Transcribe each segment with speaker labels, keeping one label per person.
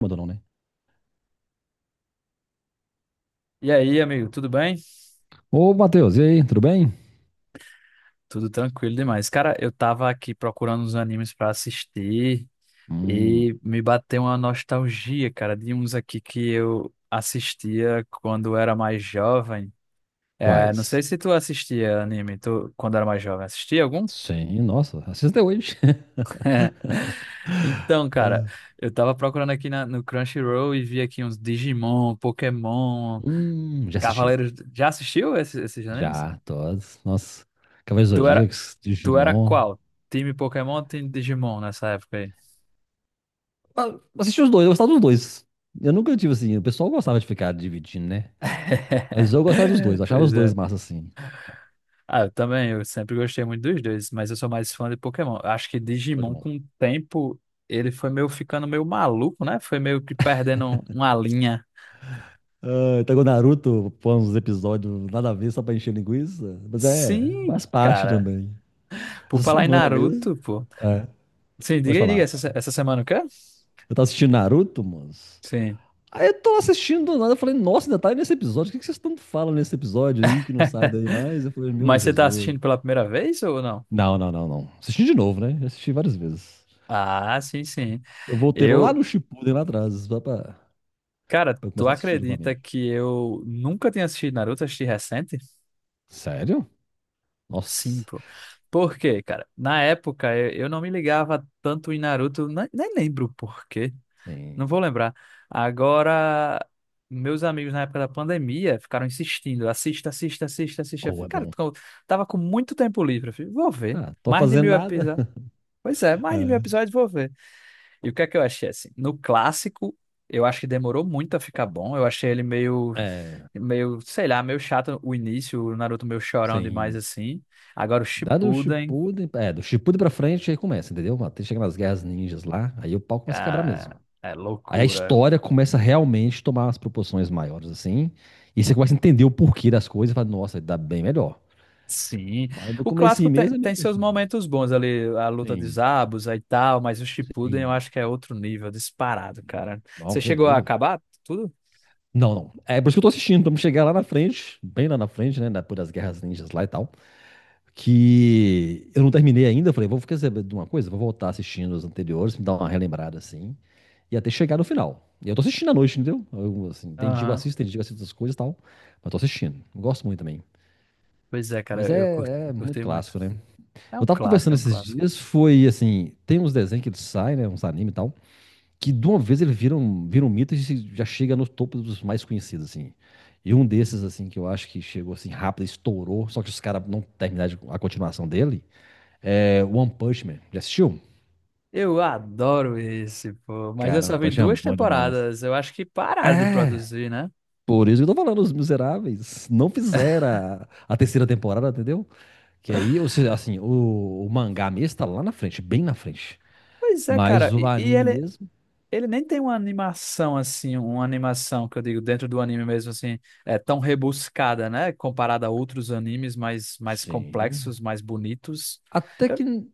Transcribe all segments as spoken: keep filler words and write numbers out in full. Speaker 1: Mandou não, né?
Speaker 2: E aí, amigo, tudo bem?
Speaker 1: Ô, Matheus, e aí, tudo bem?
Speaker 2: Tudo tranquilo demais. Cara, eu tava aqui procurando uns animes pra assistir
Speaker 1: Hum,
Speaker 2: e me bateu uma nostalgia, cara, de uns aqui que eu assistia quando era mais jovem. É, não
Speaker 1: quais?
Speaker 2: sei se tu assistia anime tu, quando era mais jovem. Assistia algum?
Speaker 1: Sim, nossa, assisti até hoje.
Speaker 2: Então, cara,
Speaker 1: Ah.
Speaker 2: eu tava procurando aqui na- no Crunchyroll e vi aqui uns Digimon, Pokémon,
Speaker 1: Hum, já assisti.
Speaker 2: Cavaleiros. Já assistiu esses, esses animes?
Speaker 1: Já, todos. Nossa, Cavaleiros do
Speaker 2: Tu era,
Speaker 1: Zodíaco,
Speaker 2: tu era
Speaker 1: Digimon.
Speaker 2: qual? Time Pokémon ou time Digimon nessa época aí?
Speaker 1: Ah, Assisti os dois, eu gostava dos dois. Eu nunca tive assim, o pessoal gostava de ficar dividindo, né? Mas eu gostava dos dois, eu achava os
Speaker 2: Pois
Speaker 1: dois
Speaker 2: é.
Speaker 1: massa assim.
Speaker 2: Ah, eu também, eu sempre gostei muito dos dois, mas eu sou mais fã de Pokémon. Eu acho que Digimon,
Speaker 1: Pokémon.
Speaker 2: com o tempo, ele foi meio ficando meio maluco, né? Foi meio que perdendo um, uma linha.
Speaker 1: Ah, então o Naruto põe uns episódios nada a ver só pra encher linguiça. Mas é,
Speaker 2: Sim,
Speaker 1: faz parte
Speaker 2: cara.
Speaker 1: também.
Speaker 2: Por
Speaker 1: Essa
Speaker 2: falar em
Speaker 1: semana mesmo.
Speaker 2: Naruto, pô.
Speaker 1: É,
Speaker 2: Sim,
Speaker 1: pode
Speaker 2: diga aí, diga,
Speaker 1: falar.
Speaker 2: essa, se- essa semana o quê?
Speaker 1: Eu tava assistindo Naruto, moço.
Speaker 2: Sim.
Speaker 1: Aí eu tô assistindo do nada, eu falei, nossa, ainda tá aí nesse episódio. O que que vocês tanto falam nesse episódio aí que não sai daí mais? Eu falei, meu
Speaker 2: Mas você tá
Speaker 1: Jesus.
Speaker 2: assistindo pela primeira vez ou não?
Speaker 1: Não, não, não, não. Assisti de novo, né? Eu Assisti várias vezes.
Speaker 2: Ah, sim, sim.
Speaker 1: Eu voltei lá
Speaker 2: Eu,
Speaker 1: no Shippuden, lá atrás, só pra, pra
Speaker 2: cara,
Speaker 1: eu
Speaker 2: tu
Speaker 1: começar a assistir
Speaker 2: acredita
Speaker 1: novamente.
Speaker 2: que eu nunca tinha assistido Naruto, assisti recente?
Speaker 1: Sério?
Speaker 2: Sim,
Speaker 1: Nossa.
Speaker 2: pô. Por quê, cara? Na época eu, eu não me ligava tanto em Naruto, ne- nem, lembro por quê, não
Speaker 1: Sim.
Speaker 2: vou lembrar. Agora, meus amigos na época da pandemia ficaram insistindo: assista, assista, assista, assista. Eu
Speaker 1: Oh,
Speaker 2: falei,
Speaker 1: é
Speaker 2: cara,
Speaker 1: bom.
Speaker 2: eu tava com muito tempo livre. Eu falei, vou ver.
Speaker 1: Tá, tô
Speaker 2: Mais de
Speaker 1: fazendo
Speaker 2: mil
Speaker 1: nada.
Speaker 2: episódios. Pois é, mais de mil
Speaker 1: É.
Speaker 2: episódios, vou ver. E o que é que eu achei assim? No clássico, eu acho que demorou muito a ficar bom. Eu achei ele meio,
Speaker 1: É,
Speaker 2: meio, sei lá, meio chato o início, o Naruto meio chorão demais
Speaker 1: sim.
Speaker 2: assim. Agora o
Speaker 1: Dá do
Speaker 2: Shippuden.
Speaker 1: Shippuden, é, do Shippuden pra frente, aí começa, entendeu? Até chega nas guerras ninjas lá, aí o pau começa a quebrar mesmo.
Speaker 2: Ah, é
Speaker 1: Aí a
Speaker 2: loucura.
Speaker 1: história começa realmente a tomar umas proporções maiores, assim. E você começa a entender o porquê das coisas e fala, nossa, dá bem melhor.
Speaker 2: Sim.
Speaker 1: Mas no
Speaker 2: O clássico
Speaker 1: comecinho
Speaker 2: tem,
Speaker 1: mesmo é
Speaker 2: tem
Speaker 1: meio
Speaker 2: seus
Speaker 1: chatinho.
Speaker 2: momentos bons ali, a luta de
Speaker 1: Sim,
Speaker 2: Zabuza e tal, mas o Shippuden eu
Speaker 1: sim.
Speaker 2: acho que é outro nível, disparado, cara.
Speaker 1: Não,
Speaker 2: Você
Speaker 1: você é
Speaker 2: chegou a
Speaker 1: doido.
Speaker 2: acabar tudo?
Speaker 1: Não, não. É por isso que eu tô assistindo, pra me chegar lá na frente, bem lá na frente, né? Depois das guerras ninjas lá e tal. Que eu não terminei ainda. Eu falei, vou ficar sabendo de uma coisa, vou voltar assistindo os anteriores, me dar uma relembrada assim. E até chegar no final. E eu tô assistindo à noite, entendeu? Eu, assim, tem dia que eu
Speaker 2: Aham.
Speaker 1: assisto, tem dia que eu assisto as coisas e tal. Mas tô assistindo. Gosto muito também.
Speaker 2: Pois é,
Speaker 1: Mas
Speaker 2: cara, eu cur-
Speaker 1: é,
Speaker 2: eu
Speaker 1: é muito
Speaker 2: curti muito.
Speaker 1: clássico, né?
Speaker 2: É
Speaker 1: Eu
Speaker 2: um
Speaker 1: tava
Speaker 2: clássico,
Speaker 1: conversando
Speaker 2: é um
Speaker 1: esses
Speaker 2: clássico.
Speaker 1: dias, foi assim, tem uns desenhos que eles saem, né? Uns anime e tal, que de uma vez eles viram, viram um mito e se- já chega no topo dos mais conhecidos, assim. E um desses, assim, que eu acho que chegou assim rápido, estourou, só que os caras não terminaram de- a continuação dele, é One Punch Man. Já assistiu?
Speaker 2: Eu adoro esse, pô. Mas eu
Speaker 1: Cara,
Speaker 2: só
Speaker 1: One
Speaker 2: vi
Speaker 1: Punch Man é
Speaker 2: duas
Speaker 1: bom demais.
Speaker 2: temporadas. Eu acho que pararam de
Speaker 1: É!
Speaker 2: produzir, né?
Speaker 1: Por isso que eu tô falando, os miseráveis não fizeram a, a terceira temporada, entendeu? Que aí, ou seja, assim, o, o mangá mesmo tá lá na frente, bem na frente.
Speaker 2: Pois é, cara.
Speaker 1: Mas o
Speaker 2: E, e
Speaker 1: anime
Speaker 2: ele
Speaker 1: mesmo,
Speaker 2: ele nem tem uma animação assim, uma animação que eu digo dentro do anime mesmo assim, é tão rebuscada, né? Comparada a outros animes mais, mais
Speaker 1: Sim.
Speaker 2: complexos, mais bonitos.
Speaker 1: até que
Speaker 2: Eu-
Speaker 1: n-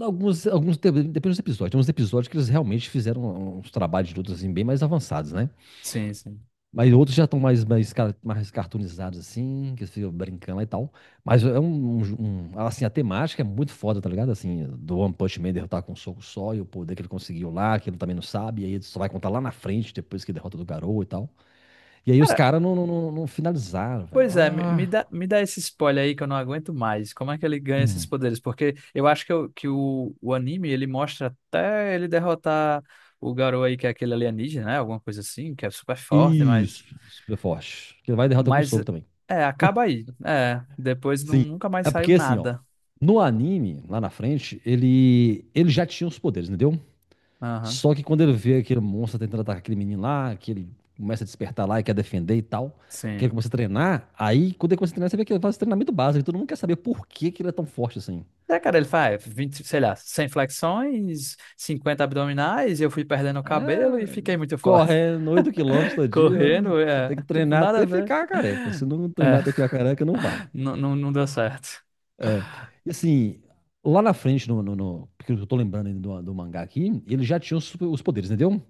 Speaker 1: alguns, alguns de- depende dos episódios. Tem uns episódios que eles realmente fizeram um, uns trabalhos de luta assim, bem mais avançados, né?
Speaker 2: Sim, sim.
Speaker 1: Mas outros já estão mais, mais, ca- mais cartoonizados, assim, que eles ficam brincando lá e tal. Mas é um, um um- assim, a temática é muito foda, tá ligado? Assim, do One Punch Man derrotar com um soco só e o poder que ele conseguiu lá, que ele também não sabe, e aí ele só vai contar lá na frente, depois que derrota do Garou e tal. E aí os
Speaker 2: Cara,
Speaker 1: caras não, não, não- não finalizaram, velho.
Speaker 2: pois é, me, me
Speaker 1: Ah.
Speaker 2: dá, me dá esse spoiler aí que eu não aguento mais. Como é que ele ganha esses
Speaker 1: Hum.
Speaker 2: poderes? Porque eu acho que, o que o, o anime ele mostra até ele derrotar o garoto aí que é aquele alienígena, né? Alguma coisa assim, que é super forte, mas,
Speaker 1: Isso, super forte. Que vai e derrota com
Speaker 2: mas
Speaker 1: soco também.
Speaker 2: é, acaba aí. É, depois não,
Speaker 1: Sim.
Speaker 2: nunca mais
Speaker 1: É
Speaker 2: saiu
Speaker 1: porque assim, ó,
Speaker 2: nada.
Speaker 1: no anime, lá na frente, ele ele já tinha os poderes, entendeu?
Speaker 2: Aham.
Speaker 1: Só que quando ele vê aquele monstro tentando atacar aquele menino lá, que ele começa a despertar lá e quer defender e tal, que ele
Speaker 2: Sim.
Speaker 1: começa a treinar, aí quando ele começa a treinar, você vê que ele faz treinamento básico, e todo mundo quer saber por que que ele é tão forte assim.
Speaker 2: É, cara, ele faz vinte sei lá, cem flexões, cinquenta abdominais, e eu fui perdendo o cabelo e
Speaker 1: É,
Speaker 2: fiquei muito forte.
Speaker 1: correndo oito quilômetros todo dia,
Speaker 2: Correndo,
Speaker 1: você
Speaker 2: é,
Speaker 1: tem que
Speaker 2: tipo,
Speaker 1: treinar
Speaker 2: nada a
Speaker 1: até
Speaker 2: ver.
Speaker 1: ficar careca. Se não
Speaker 2: É,
Speaker 1: treinar até ficar careca, não vale.
Speaker 2: não, não, não deu certo.
Speaker 1: É. E assim, lá na frente, no, no- no- porque eu tô lembrando ainda do, do mangá aqui, ele já tinha os, super- os poderes, entendeu?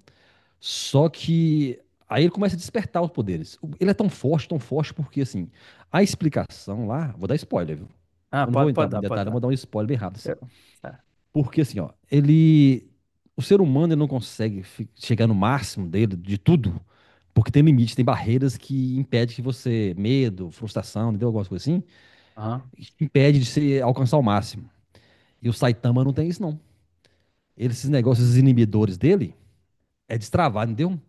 Speaker 1: Só que aí ele começa a despertar os poderes. O- Ele é tão forte, tão forte, porque assim, a explicação lá, vou dar spoiler, viu?
Speaker 2: Ah,
Speaker 1: Eu não vou
Speaker 2: pode,
Speaker 1: entrar
Speaker 2: pode
Speaker 1: muito
Speaker 2: dar,
Speaker 1: em
Speaker 2: pode
Speaker 1: detalhe, mas vou
Speaker 2: dar.
Speaker 1: dar um spoiler bem rápido, assim.
Speaker 2: Eu, tá.
Speaker 1: Porque assim, ó, ele. O ser humano ele não consegue fi- chegar no máximo dele, de tudo, porque tem limites, tem barreiras que impedem que você, medo, frustração, entendeu? Algumas coisas assim,
Speaker 2: Aham.
Speaker 1: impede de você alcançar o máximo. E o Saitama não tem isso, não. Ele, esses negócios, esses inibidores dele, é destravado, entendeu?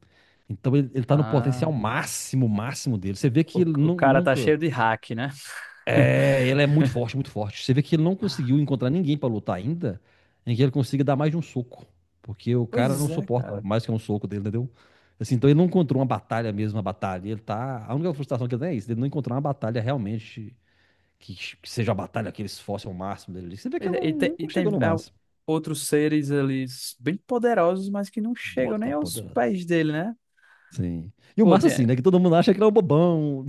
Speaker 1: Então ele, ele tá no
Speaker 2: Ah,
Speaker 1: potencial máximo, máximo dele. Você vê
Speaker 2: o,
Speaker 1: que ele
Speaker 2: o
Speaker 1: nu-
Speaker 2: cara tá
Speaker 1: nunca.
Speaker 2: cheio de hack, né?
Speaker 1: É, ele é muito forte, muito forte. Você vê que ele não conseguiu encontrar ninguém pra lutar ainda em que ele consiga dar mais de um soco. Porque o cara
Speaker 2: Pois
Speaker 1: não
Speaker 2: é,
Speaker 1: suporta
Speaker 2: cara.
Speaker 1: mais que um soco dele, entendeu? Assim, então ele não encontrou uma batalha mesmo, uma batalha. Ele tá. A única frustração que ele tem é isso, ele não encontrou uma batalha realmente que, que seja a batalha que ele se esforce ao máximo dele. Você vê que
Speaker 2: Pois
Speaker 1: ele
Speaker 2: é, e
Speaker 1: não,
Speaker 2: tem, e
Speaker 1: nunca
Speaker 2: tem
Speaker 1: chegou no
Speaker 2: ah,
Speaker 1: máximo.
Speaker 2: outros seres ali bem poderosos, mas que não chegam nem
Speaker 1: Bota
Speaker 2: aos
Speaker 1: poderosa.
Speaker 2: pés dele, né?
Speaker 1: Sim. E o
Speaker 2: Pô,
Speaker 1: massa,
Speaker 2: tem,
Speaker 1: assim, né? Que todo mundo acha que ele é um bobão.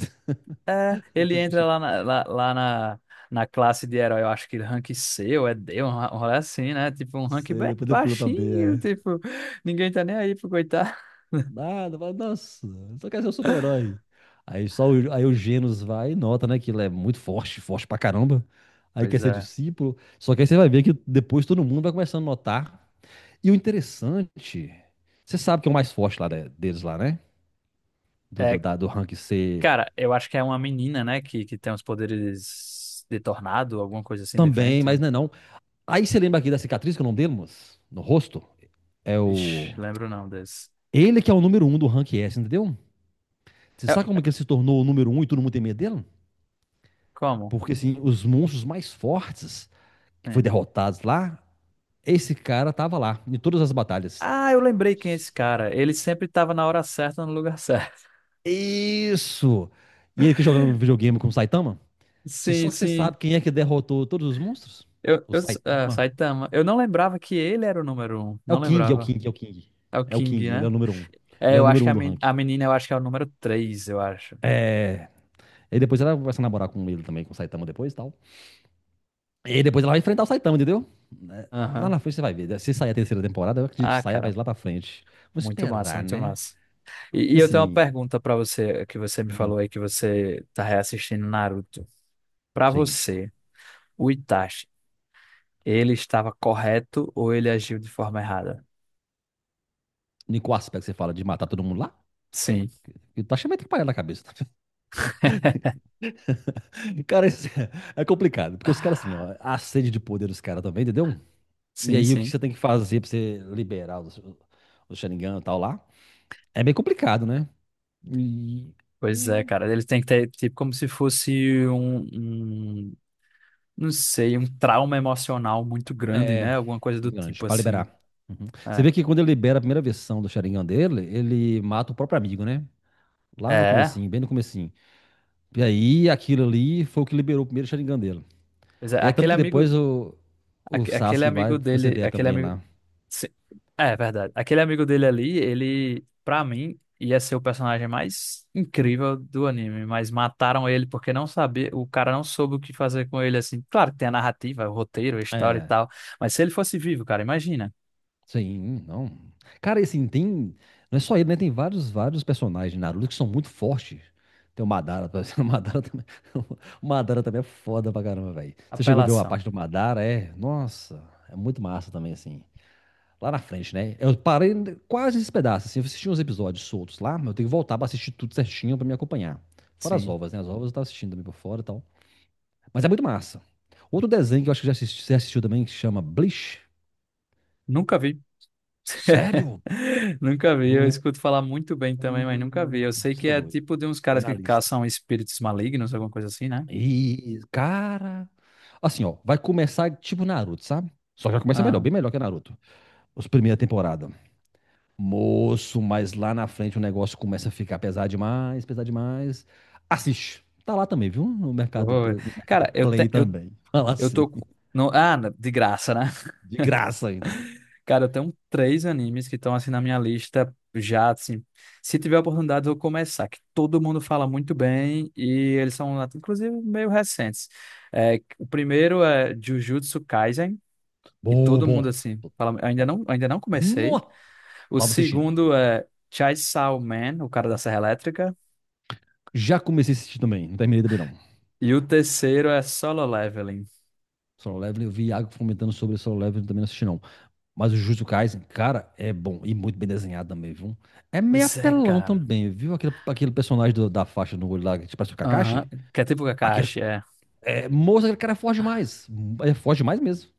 Speaker 2: é, ele entra lá na, lá, lá na, na classe de herói, eu acho que rank C ou é D, um, ra- um rolê assim, né? Tipo, um rank
Speaker 1: Você
Speaker 2: bem
Speaker 1: Depois ele pula pra B,
Speaker 2: baixinho,
Speaker 1: é.
Speaker 2: tipo, ninguém tá nem aí pro coitado.
Speaker 1: Nada, fala, nossa, só quer ser um super-herói. Aí só o, aí o Genos vai e nota, né? Que ele é muito forte, forte pra caramba. Aí
Speaker 2: Pois
Speaker 1: quer ser
Speaker 2: é.
Speaker 1: discípulo. Só que aí você vai ver que depois todo mundo vai começando a notar. E o interessante, você sabe que é o mais forte lá né, deles lá, né? Do, do,
Speaker 2: É,
Speaker 1: da- do rank C
Speaker 2: cara, eu acho que é uma menina, né, que, que tem os poderes de tornado, alguma coisa assim, de
Speaker 1: também, mas
Speaker 2: vento.
Speaker 1: não é não. Aí você lembra aqui da cicatriz, que é o nome dele, moço? No rosto? É
Speaker 2: Vixe,
Speaker 1: o.
Speaker 2: lembro não desse.
Speaker 1: Ele que é o número um do rank S, entendeu? Você sabe
Speaker 2: É,
Speaker 1: como é que ele se tornou o número um e todo mundo tem medo dele?
Speaker 2: como?
Speaker 1: Porque, assim, os monstros mais fortes que foi
Speaker 2: Sim.
Speaker 1: derrotados lá, esse cara tava lá, em todas as batalhas.
Speaker 2: Ah, eu lembrei quem é esse cara. Ele sempre tava na hora certa, no lugar certo.
Speaker 1: Isso! E ele que jogava um videogame com o Saitama? Você-
Speaker 2: Sim,
Speaker 1: Só que você sabe
Speaker 2: sim.
Speaker 1: quem é que derrotou todos os monstros?
Speaker 2: Eu,
Speaker 1: O
Speaker 2: eu, ah,
Speaker 1: Saitama.
Speaker 2: Saitama. Eu não lembrava que ele era o número um.
Speaker 1: É
Speaker 2: Não
Speaker 1: o King, é o
Speaker 2: lembrava.
Speaker 1: King, é o King.
Speaker 2: É o
Speaker 1: É o
Speaker 2: King,
Speaker 1: King, ele é
Speaker 2: né?
Speaker 1: o número um. Ele
Speaker 2: É,
Speaker 1: é o
Speaker 2: eu acho
Speaker 1: número
Speaker 2: que
Speaker 1: um
Speaker 2: a,
Speaker 1: do
Speaker 2: men- a
Speaker 1: ranking.
Speaker 2: menina, eu acho que é o número três, eu acho.
Speaker 1: É. E depois ela vai se namorar com ele também, com o Saitama depois e tal. E aí depois ela vai enfrentar o Saitama, entendeu? Né? Lá na
Speaker 2: Aham.
Speaker 1: frente você vai ver, né? Se sair a terceira temporada, eu acredito que
Speaker 2: Ah,
Speaker 1: saia
Speaker 2: cara,
Speaker 1: mais lá pra frente. Vamos
Speaker 2: muito massa,
Speaker 1: esperar,
Speaker 2: muito
Speaker 1: né?
Speaker 2: massa. E,
Speaker 1: E
Speaker 2: e eu tenho uma
Speaker 1: assim,
Speaker 2: pergunta pra você, que você me
Speaker 1: hum,
Speaker 2: falou aí que você tá reassistindo Naruto. Pra
Speaker 1: sim.
Speaker 2: você, o Itachi, ele estava correto ou ele agiu de forma errada?
Speaker 1: Em qual aspecto você fala de matar todo mundo lá?
Speaker 2: Sim,
Speaker 1: Eu tô achando meio atrapalhado na cabeça. Cara, isso é, é complicado. Porque os caras, assim, ó, a sede de poder dos caras também, entendeu? E
Speaker 2: sim,
Speaker 1: aí o que
Speaker 2: sim.
Speaker 1: você tem que fazer pra você liberar os, os Sharingan e tal lá? É bem complicado, né? E.
Speaker 2: Pois é,
Speaker 1: hum,
Speaker 2: cara, ele tem que ter, tipo, como se fosse um, um, não sei, um trauma emocional muito grande,
Speaker 1: É,
Speaker 2: né? Alguma coisa do
Speaker 1: grande,
Speaker 2: tipo
Speaker 1: pra
Speaker 2: assim.
Speaker 1: liberar. Uhum. Você
Speaker 2: É.
Speaker 1: vê que quando ele libera a primeira versão do Sharingan dele, ele mata o próprio amigo, né? Lá no
Speaker 2: É.
Speaker 1: comecinho, bem no comecinho. E aí, aquilo ali foi o que liberou o primeiro Sharingan dele.
Speaker 2: Pois é,
Speaker 1: E é tanto
Speaker 2: aquele
Speaker 1: que depois
Speaker 2: amigo,
Speaker 1: o, o
Speaker 2: aque- aquele
Speaker 1: Sasuke vai
Speaker 2: amigo dele,
Speaker 1: proceder
Speaker 2: aquele
Speaker 1: também
Speaker 2: amigo,
Speaker 1: lá.
Speaker 2: sim, é verdade. Aquele amigo dele ali, ele, pra mim, ia ser o personagem mais incrível do anime, mas mataram ele porque não sabia, o cara não soube o que fazer com ele assim. Claro que tem a narrativa, o roteiro, a história e tal, mas se ele fosse vivo, cara, imagina.
Speaker 1: Sim, não. Cara, e assim, tem. Não é só ele, né? Tem vários, vários personagens de Naruto que são muito fortes. Tem o Madara, por exemplo, o Madara também. O Madara também é foda pra caramba, velho. Você chegou a ver uma
Speaker 2: Apelação.
Speaker 1: parte do Madara? É. Nossa, é muito massa também, assim. Lá na frente, né? Eu parei quase esse pedaço, assim. Eu assisti uns episódios soltos lá, mas eu tenho que voltar pra assistir tudo certinho pra me acompanhar. Fora as
Speaker 2: Sim.
Speaker 1: ovas, né? As ovas eu tava assistindo também por fora e tal. Mas é muito massa. Outro desenho que eu acho que já assisti- você assistiu também, que chama Bleach.
Speaker 2: Nunca vi.
Speaker 1: Sério?
Speaker 2: Nunca vi. Eu escuto falar muito bem também, mas nunca vi. Eu
Speaker 1: Hum,
Speaker 2: sei
Speaker 1: Você
Speaker 2: que
Speaker 1: tá
Speaker 2: é
Speaker 1: doido.
Speaker 2: tipo de uns
Speaker 1: Põe
Speaker 2: caras
Speaker 1: na
Speaker 2: que caçam espíritos malignos, alguma coisa assim, né?
Speaker 1: E, cara. Assim, ó, vai começar tipo Naruto, sabe? Só que já começa melhor, bem melhor que Naruto. Os primeira temporada. Moço, mas lá na frente o negócio começa a ficar pesado demais, pesado demais. Assiste. Tá lá também, viu? No mercado,
Speaker 2: Oi.
Speaker 1: no mercado
Speaker 2: Cara, eu, te,
Speaker 1: Play
Speaker 2: eu,
Speaker 1: também. Fala
Speaker 2: eu
Speaker 1: assim.
Speaker 2: tô. Com- no, ah, de graça, né?
Speaker 1: De graça ainda.
Speaker 2: Cara, eu tenho três animes que estão assim na minha lista já, assim. Se tiver oportunidade, eu vou começar, que todo mundo fala muito bem e eles são, até, inclusive, meio recentes. É, o primeiro é Jujutsu Kaisen, que
Speaker 1: Bom,
Speaker 2: todo
Speaker 1: bom.
Speaker 2: mundo, assim, fala. Eu ainda
Speaker 1: Bom.
Speaker 2: não, ainda não
Speaker 1: No,
Speaker 2: comecei. O
Speaker 1: tava assistindo.
Speaker 2: segundo
Speaker 1: Bom.
Speaker 2: é Chainsaw Man, o cara da Serra Elétrica.
Speaker 1: Já comecei a assistir também. Não terminei também, não.
Speaker 2: E o terceiro é Solo Leveling.
Speaker 1: Solo Leveling, eu vi Iago comentando sobre Solo Leveling, também não assisti, não. Mas o Jujutsu Kaisen, cara, é bom e muito bem desenhado também, viu? É meio
Speaker 2: Pois é,
Speaker 1: apelão
Speaker 2: cara.
Speaker 1: também, viu? Aquele, aquele personagem do- da faixa no olho lá, que parece o
Speaker 2: Aham,
Speaker 1: Kakashi.
Speaker 2: que é tipo
Speaker 1: Aquele,
Speaker 2: Kakashi, é.
Speaker 1: é, moço, aquele cara é forte demais. É forte demais mesmo.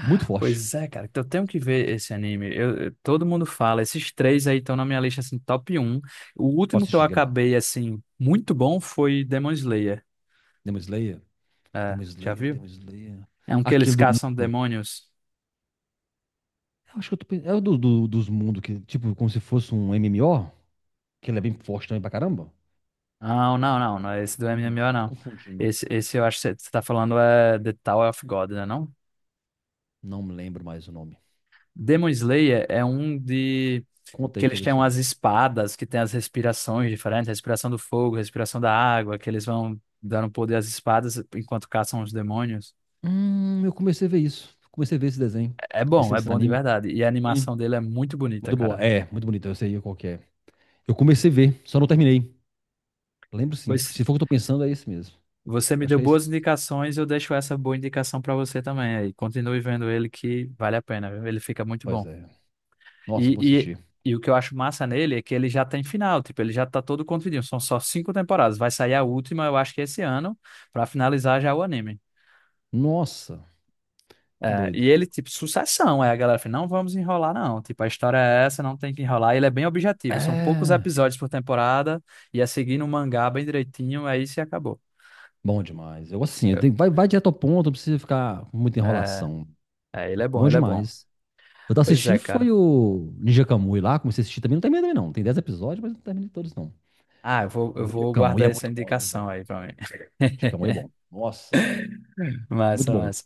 Speaker 1: Muito forte.
Speaker 2: Pois é, cara. Então eu tenho que ver esse anime. Eu, eu- todo mundo fala. Esses três aí estão na minha lista, assim, top um. O último
Speaker 1: Posso
Speaker 2: que eu
Speaker 1: assistir, que é bom.
Speaker 2: acabei, assim, muito bom foi Demon Slayer.
Speaker 1: Demon Slayer,
Speaker 2: É,
Speaker 1: Demon
Speaker 2: já
Speaker 1: Slayer,
Speaker 2: viu?
Speaker 1: Demon Slayer.
Speaker 2: É um que eles
Speaker 1: Aquele do
Speaker 2: caçam
Speaker 1: mundo.
Speaker 2: demônios.
Speaker 1: Eu acho que eu tô pensando. É o do, do- dos mundos, que, tipo, como se fosse um M M O, que ele é bem forte também pra caramba.
Speaker 2: Não, não, não. Não é esse do
Speaker 1: Não,
Speaker 2: M M O,
Speaker 1: eu tô
Speaker 2: não.
Speaker 1: confundindo.
Speaker 2: Esse, esse eu acho que você você tá falando é The Tower of God, né, não?
Speaker 1: Não me lembro mais o nome.
Speaker 2: Demon Slayer é um de...
Speaker 1: Conta
Speaker 2: Que
Speaker 1: aí que eu
Speaker 2: eles têm
Speaker 1: vejo se eu
Speaker 2: umas
Speaker 1: lembro.
Speaker 2: espadas, que tem as respirações diferentes. Respiração do fogo, respiração da água. Que eles vão dando poder às espadas enquanto caçam os demônios.
Speaker 1: Hum, eu comecei a ver isso. Comecei a ver esse desenho,
Speaker 2: É bom,
Speaker 1: esse,
Speaker 2: é
Speaker 1: esse
Speaker 2: bom de
Speaker 1: anime.
Speaker 2: verdade. E a
Speaker 1: Sim.
Speaker 2: animação dele é muito bonita,
Speaker 1: Muito boa.
Speaker 2: cara.
Speaker 1: É, muito bonito. Eu sei qual que é. Eu comecei a ver, só não terminei. Lembro sim.
Speaker 2: Pois
Speaker 1: Se for o que eu tô pensando, é esse mesmo.
Speaker 2: você
Speaker 1: É,
Speaker 2: me
Speaker 1: Acho
Speaker 2: deu
Speaker 1: que é esse.
Speaker 2: boas indicações, eu deixo essa boa indicação pra você também aí. Continue vendo ele que vale a pena, viu? Ele fica muito
Speaker 1: Pois
Speaker 2: bom.
Speaker 1: é. Nossa, eu vou
Speaker 2: E, e,
Speaker 1: assistir.
Speaker 2: e o que eu acho massa nele é que ele já tem final, tipo, ele já tá todo contidinho. São só cinco temporadas. Vai sair a última, eu acho que esse ano, pra finalizar já o anime.
Speaker 1: Nossa, que
Speaker 2: É,
Speaker 1: doido.
Speaker 2: e ele, tipo, sucessão. Aí a galera fala, não vamos enrolar, não. Tipo, a história é essa, não tem que enrolar. E ele é bem objetivo. São poucos
Speaker 1: É.
Speaker 2: episódios por temporada. E é seguir no mangá bem direitinho. Aí se acabou.
Speaker 1: Bom demais. Eu gosto assim. eu
Speaker 2: Eu-
Speaker 1: tenho- Vai, vai direto ao ponto, não precisa ficar com muita
Speaker 2: É,
Speaker 1: enrolação.
Speaker 2: é, ele é bom,
Speaker 1: Bom
Speaker 2: ele é bom.
Speaker 1: demais. Eu tava
Speaker 2: Pois é,
Speaker 1: assistindo
Speaker 2: cara.
Speaker 1: foi o Ninja Kamui lá. Comecei a assistir também. Não terminei também, não. Tem dez episódios, mas não terminei todos, não.
Speaker 2: Ah, eu vou,
Speaker 1: O
Speaker 2: eu
Speaker 1: Ninja
Speaker 2: vou
Speaker 1: Kamui
Speaker 2: guardar
Speaker 1: é
Speaker 2: essa
Speaker 1: muito bom, né,
Speaker 2: indicação
Speaker 1: velho.
Speaker 2: aí pra mim.
Speaker 1: Ninja Kamui é bom. Nossa, muito
Speaker 2: Massa,
Speaker 1: bom.
Speaker 2: massa.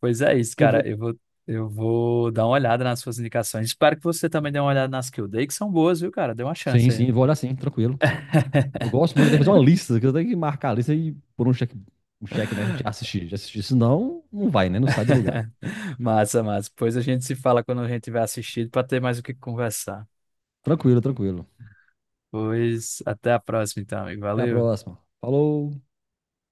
Speaker 2: Pois é isso,
Speaker 1: que eu vou.
Speaker 2: cara. Eu vou, eu vou dar uma olhada nas suas indicações. Espero que você também dê uma olhada nas que eu dei, que são boas, viu, cara? Dê uma
Speaker 1: Sim,
Speaker 2: chance aí.
Speaker 1: sim, vou olhar sim, tranquilo. Eu gosto muito, eu tenho que fazer uma lista, que eu tenho que marcar a lista e pôr um cheque, um cheque, né? Já assisti, já assisti. Senão, não vai, né? Não sai do lugar.
Speaker 2: Massa, massa. Pois a gente se fala quando a gente tiver assistido para ter mais o que conversar.
Speaker 1: Tranquilo, tranquilo.
Speaker 2: Pois até a próxima, então, amigo.
Speaker 1: Até a
Speaker 2: Valeu.
Speaker 1: próxima. Falou!